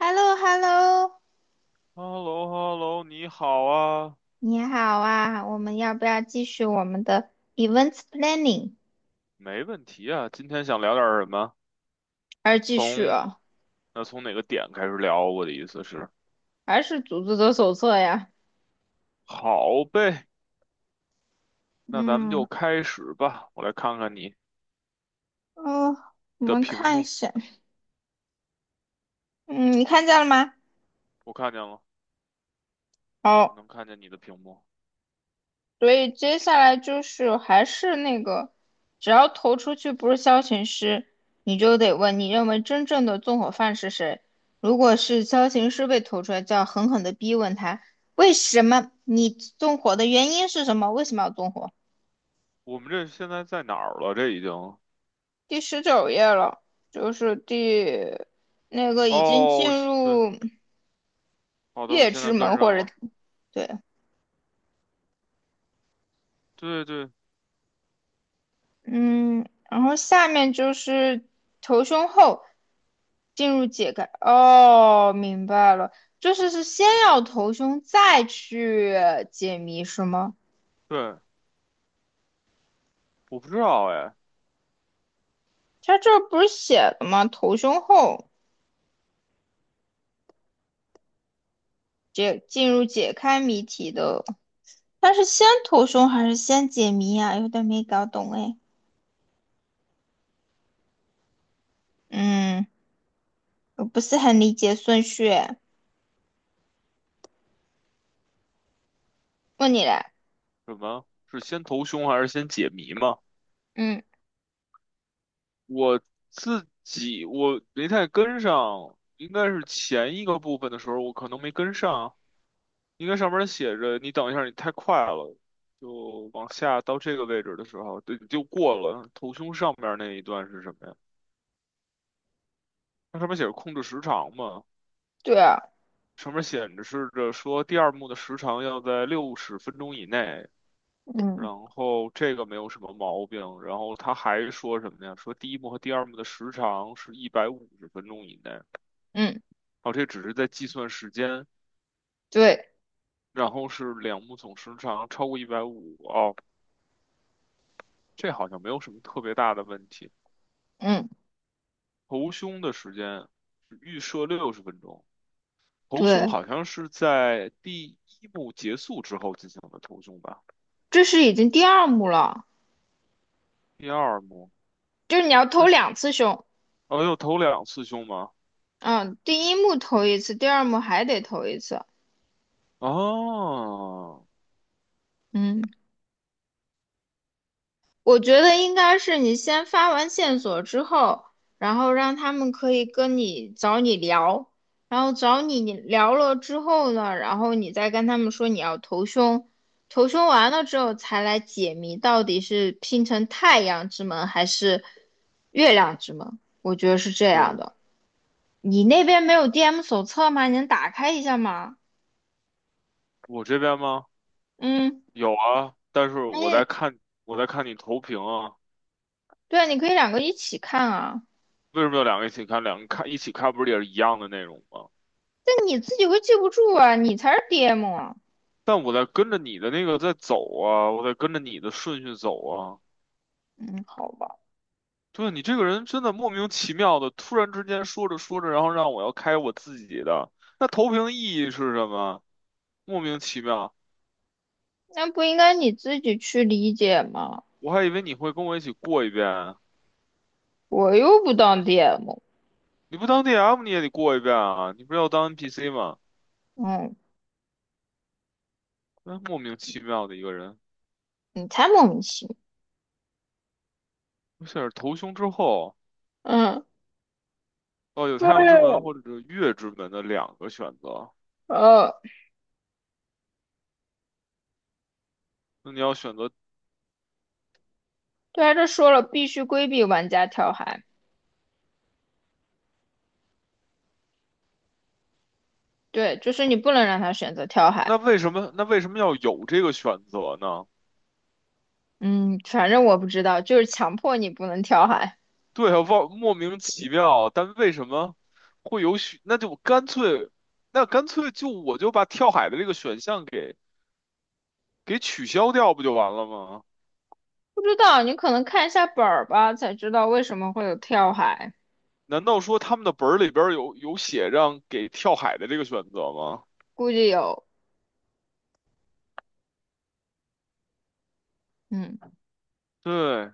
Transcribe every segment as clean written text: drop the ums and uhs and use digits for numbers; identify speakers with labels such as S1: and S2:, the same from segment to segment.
S1: h e l l o h e l l o
S2: h e l l o h e l l o 你好啊，
S1: 你好啊，我们要不要继续我们的 events planning？
S2: 没问题啊。今天想聊点儿什么？
S1: 还是继续
S2: 从
S1: 啊？
S2: 那从哪个点开始聊？我的意思是，
S1: 还是组织者手册呀？
S2: 好呗，那咱们就
S1: 嗯
S2: 开始吧。我来看看你
S1: 哦，我
S2: 的
S1: 们
S2: 屏
S1: 看一
S2: 幕，
S1: 下，嗯，你看见了吗？
S2: 我看见了，我
S1: 好，
S2: 能看见你的屏幕。
S1: 所以接下来就是还是那个，只要投出去不是消遣师，你就得问你认为真正的纵火犯是谁。如果是消遣师被投出来，就要狠狠的逼问他，为什么你纵火的原因是什么？为什么要纵火？
S2: 我们这现在在哪儿了？这已经……
S1: 第19页了，就是那个已经
S2: 哦，
S1: 进
S2: 是对，
S1: 入
S2: 好的，我
S1: 月
S2: 现
S1: 之
S2: 在
S1: 门
S2: 跟
S1: 或
S2: 上
S1: 者
S2: 了。
S1: 对，
S2: 对对
S1: 嗯，然后下面就是头胸后进入解开。哦，明白了，就是先要头胸再去解谜是吗？
S2: 对，我不知道哎，
S1: 它这不是写的吗？头胸后进入解开谜题的，它是先头胸还是先解谜啊？有点没搞懂哎。嗯。我不是很理解顺序问你嘞，
S2: 什么是先投凶还是先解谜吗？
S1: 嗯，
S2: 我自己没太跟上，应该是前一个部分的时候，我可能没跟上。应该上面写着“你等一下，你太快了”，就往下到这个位置的时候，对，就过了。头胸上面那一段是什么呀？它上面写着控制时长嘛，
S1: 对啊，
S2: 上面显示着说第二幕的时长要在六十分钟以内。
S1: 嗯
S2: 然后这个没有什么毛病。然后他还说什么呀？说第一幕和第二幕的时长是150分钟以内。
S1: 嗯，
S2: 哦，这只是在计算时间，
S1: 对，
S2: 然后是两目总时长超过一百五，哦，这好像没有什么特别大的问题。
S1: 嗯，
S2: 头胸的时间预设六十分钟，头胸
S1: 对，
S2: 好像是在第一幕结束之后进行的头胸吧？
S1: 这是已经第二幕了，
S2: 第二幕
S1: 就是你要投
S2: 那
S1: 两次凶，
S2: 哦，有头两次胸吗？
S1: 嗯，第一幕投一次，第二幕还得投一次，
S2: 哦，
S1: 嗯。我觉得应该是你先发完线索之后，然后让他们可以跟你找你聊，然后找你聊了之后呢，然后你再跟他们说你要投凶，投凶完了之后才来解谜，到底是拼成太阳之门还是月亮之门？我觉得是这样
S2: 对，
S1: 的。你那边没有 DM 手册吗？你能打开一下吗？
S2: 我这边吗？
S1: 嗯，
S2: 有啊，但是我在
S1: 哎，
S2: 看我在看你投屏啊，
S1: 对啊，你可以两个一起看啊，
S2: 为什么要两个一起看？两个看一起看不是也是一样的内容吗？
S1: 但你自己会记不住啊，你才是 DM 啊。
S2: 但我在跟着你的那个在走啊，我在跟着你的顺序走啊。
S1: 嗯，好吧，
S2: 对，你这个人真的莫名其妙的，突然之间说着说着，然后让我要开我自己的，那投屏的意义是什么？莫名其妙，
S1: 那不应该你自己去理解吗？
S2: 我还以为你会跟我一起过一遍啊，
S1: 我又不当 DM，
S2: 你不当 DM 你也得过一遍啊，你不是要当 NPC 吗？
S1: 嗯，
S2: 那莫名其妙的一个人，
S1: 你才莫名其妙。
S2: 而且是投胸之后，
S1: 嗯，
S2: 哦，有太阳之门
S1: 对，
S2: 或者是月之门的两个选择，
S1: 呃，
S2: 那你要选择，
S1: 对啊，这说了必须规避玩家跳海，对，就是你不能让他选择跳
S2: 那
S1: 海。
S2: 为什么那为什么要有这个选择呢？
S1: 嗯，反正我不知道，就是强迫你不能跳海。
S2: 对啊，忘莫名其妙，但为什么会有许？那就干脆，那干脆就我就把跳海的这个选项给取消掉，不就完了吗？
S1: 不知道，你可能看一下本儿吧，才知道为什么会有跳海，
S2: 难道说他们的本儿里边儿有写让给跳海的这个选择吗？
S1: 估计有，嗯。
S2: 对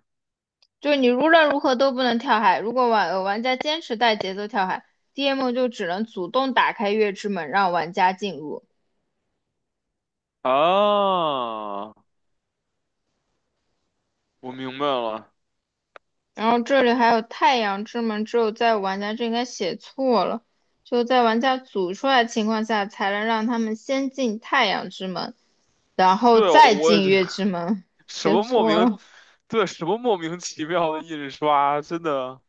S1: 就是你无论如何都不能跳海。如果玩家坚持带节奏跳海，DM 就只能主动打开月之门让玩家进入。
S2: 啊，我明白了。
S1: 然后这里还有太阳之门，只有在玩家这应该写错了，就在玩家组出来的情况下，才能让他们先进太阳之门，然后
S2: 对，
S1: 再
S2: 我也
S1: 进
S2: 觉得
S1: 月之 门。
S2: 什
S1: 写
S2: 么莫
S1: 错
S2: 名，
S1: 了，
S2: 对，什么莫名其妙的印刷，真的，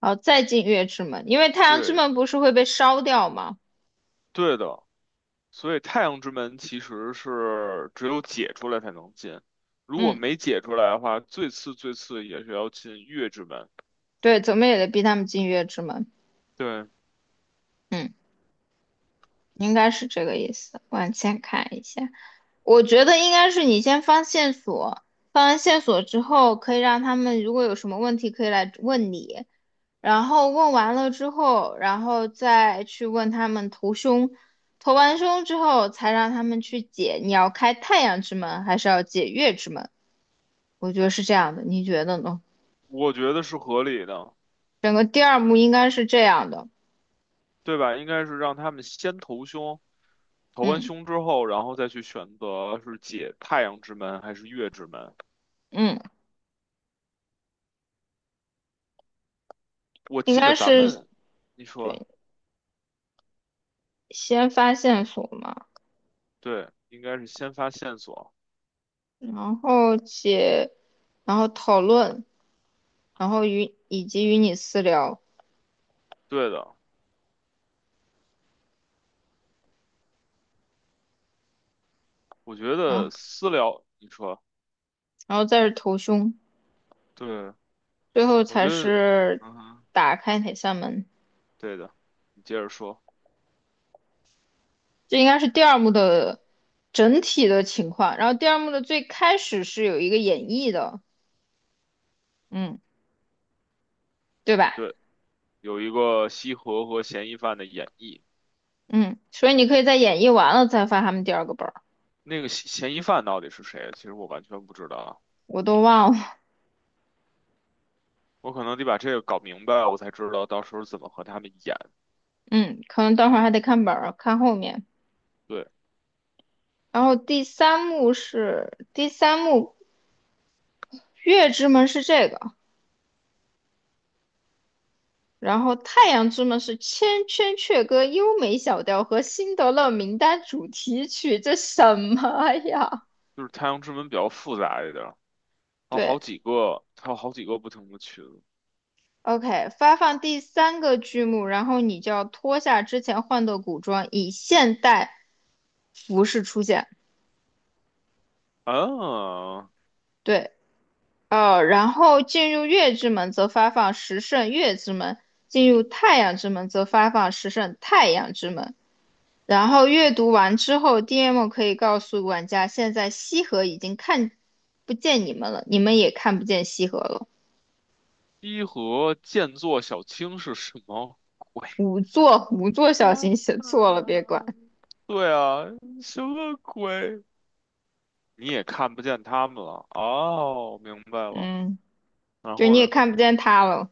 S1: 好，再进月之门，因为太阳之
S2: 对，
S1: 门不是会被烧掉吗？
S2: 对的。所以太阳之门其实是只有解出来才能进，如果
S1: 嗯，
S2: 没解出来的话，最次最次也是要进月之门。
S1: 对，怎么也得逼他们进月之门。
S2: 对，
S1: 嗯。应该是这个意思。往前看一下，我觉得应该是你先放线索，放完线索之后，可以让他们如果有什么问题可以来问你，然后问完了之后，然后再去问他们投凶，投完凶之后才让他们去解你要开太阳之门还是要解月之门，我觉得是这样的，你觉得呢？
S2: 我觉得是合理的，
S1: 整个第二幕应该是这样的，
S2: 对吧？应该是让他们先投凶，投完
S1: 嗯
S2: 凶之后，然后再去选择是解太阳之门还是月之门。
S1: 嗯，
S2: 我
S1: 应
S2: 记
S1: 该
S2: 得咱
S1: 是
S2: 们，你说
S1: 对，先发线索嘛。
S2: 对，应该是先发线索。
S1: 然后且，然后讨论，然后与以及与你私聊，
S2: 对的，我觉
S1: 然后
S2: 得私聊，你说
S1: 再是投凶，
S2: 对，
S1: 最后
S2: 我觉
S1: 才
S2: 得，
S1: 是
S2: 嗯哼，
S1: 打开哪扇门。
S2: 对的，你接着说。
S1: 这应该是第二幕的整体的情况。然后第二幕的最开始是有一个演绎的，嗯，对吧？
S2: 对，有一个西河和嫌疑犯的演绎。
S1: 嗯，所以你可以在演绎完了再发他们第二个本儿，
S2: 那个嫌疑犯到底是谁？其实我完全不知道啊，
S1: 我都忘了。
S2: 我可能得把这个搞明白，我才知道到时候怎么和他们演。
S1: 嗯，可能等会儿还得看本儿，看后面。
S2: 对，
S1: 然后第三幕是第三幕，月之门是这个。然后《太阳之门》是《千千阙歌》优美小调和《辛德勒名单》主题曲，这什么呀？
S2: 就是《太阳之门》比较复杂一点儿，它有好
S1: 对
S2: 几个，它有好几个不同的群。
S1: ，OK，发放第三个剧目，然后你就要脱下之前换的古装，以现代服饰出现。
S2: 啊，
S1: 对，然后进入月之门则发放十胜月之门，进入太阳之门则发放十胜太阳之门。然后阅读完之后，DM 可以告诉玩家，现在西河已经看不见你们了，你们也看不见西河了。
S2: 西河剑作小青是什么鬼？
S1: 五座小
S2: 啊
S1: 心写错了，别
S2: 啊，
S1: 管。
S2: 对啊，什么鬼？你也看不见他们了。哦，明白了。
S1: 嗯，
S2: 然
S1: 就
S2: 后
S1: 你也
S2: 呢？
S1: 看不见他了。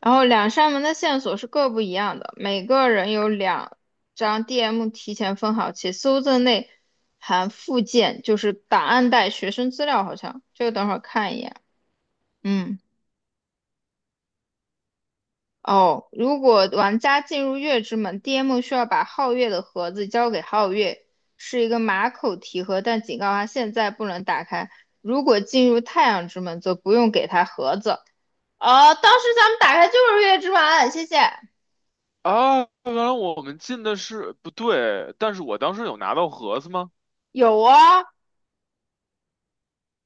S1: 然后两扇门的线索是各不一样的，每个人有两张 DM 提前分好，且搜证内含附件，就是档案袋、学生资料，好像这个等会儿看一眼。嗯。哦，如果玩家进入月之门，DM 需要把皓月的盒子交给皓月，是一个马口提盒，但警告他现在不能打开。如果进入太阳之门，则不用给他盒子。哦，当时咱们打开就是月之门，谢谢。
S2: 啊，原来我们进的是不对，但是我当时有拿到盒子吗？
S1: 有啊，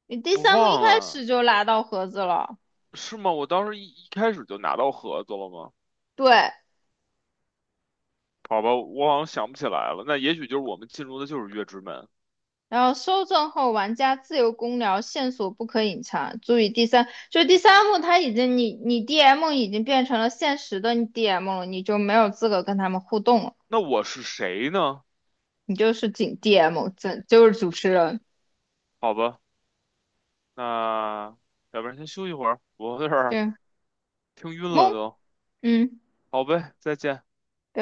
S1: 你第
S2: 我
S1: 三幕一
S2: 忘
S1: 开始
S2: 了，
S1: 就拿到盒子了。
S2: 是吗？我当时一开始就拿到盒子了吗？
S1: 对，
S2: 好吧，我好像想不起来了。那也许就是我们进入的就是月之门。
S1: 然后搜证后，玩家自由公聊，线索不可隐藏。注意第三，就是第三幕，它已经你 DM 已经变成了现实的 DM 了，你就没有资格跟他们互动了，
S2: 那我是谁呢？
S1: 你就是仅 DM，这就是主持人。
S2: 好吧，那要不然先休息会儿，我有点儿
S1: 对，
S2: 听晕了
S1: 懵，
S2: 都。
S1: 嗯。
S2: 好呗，再见。
S1: 对。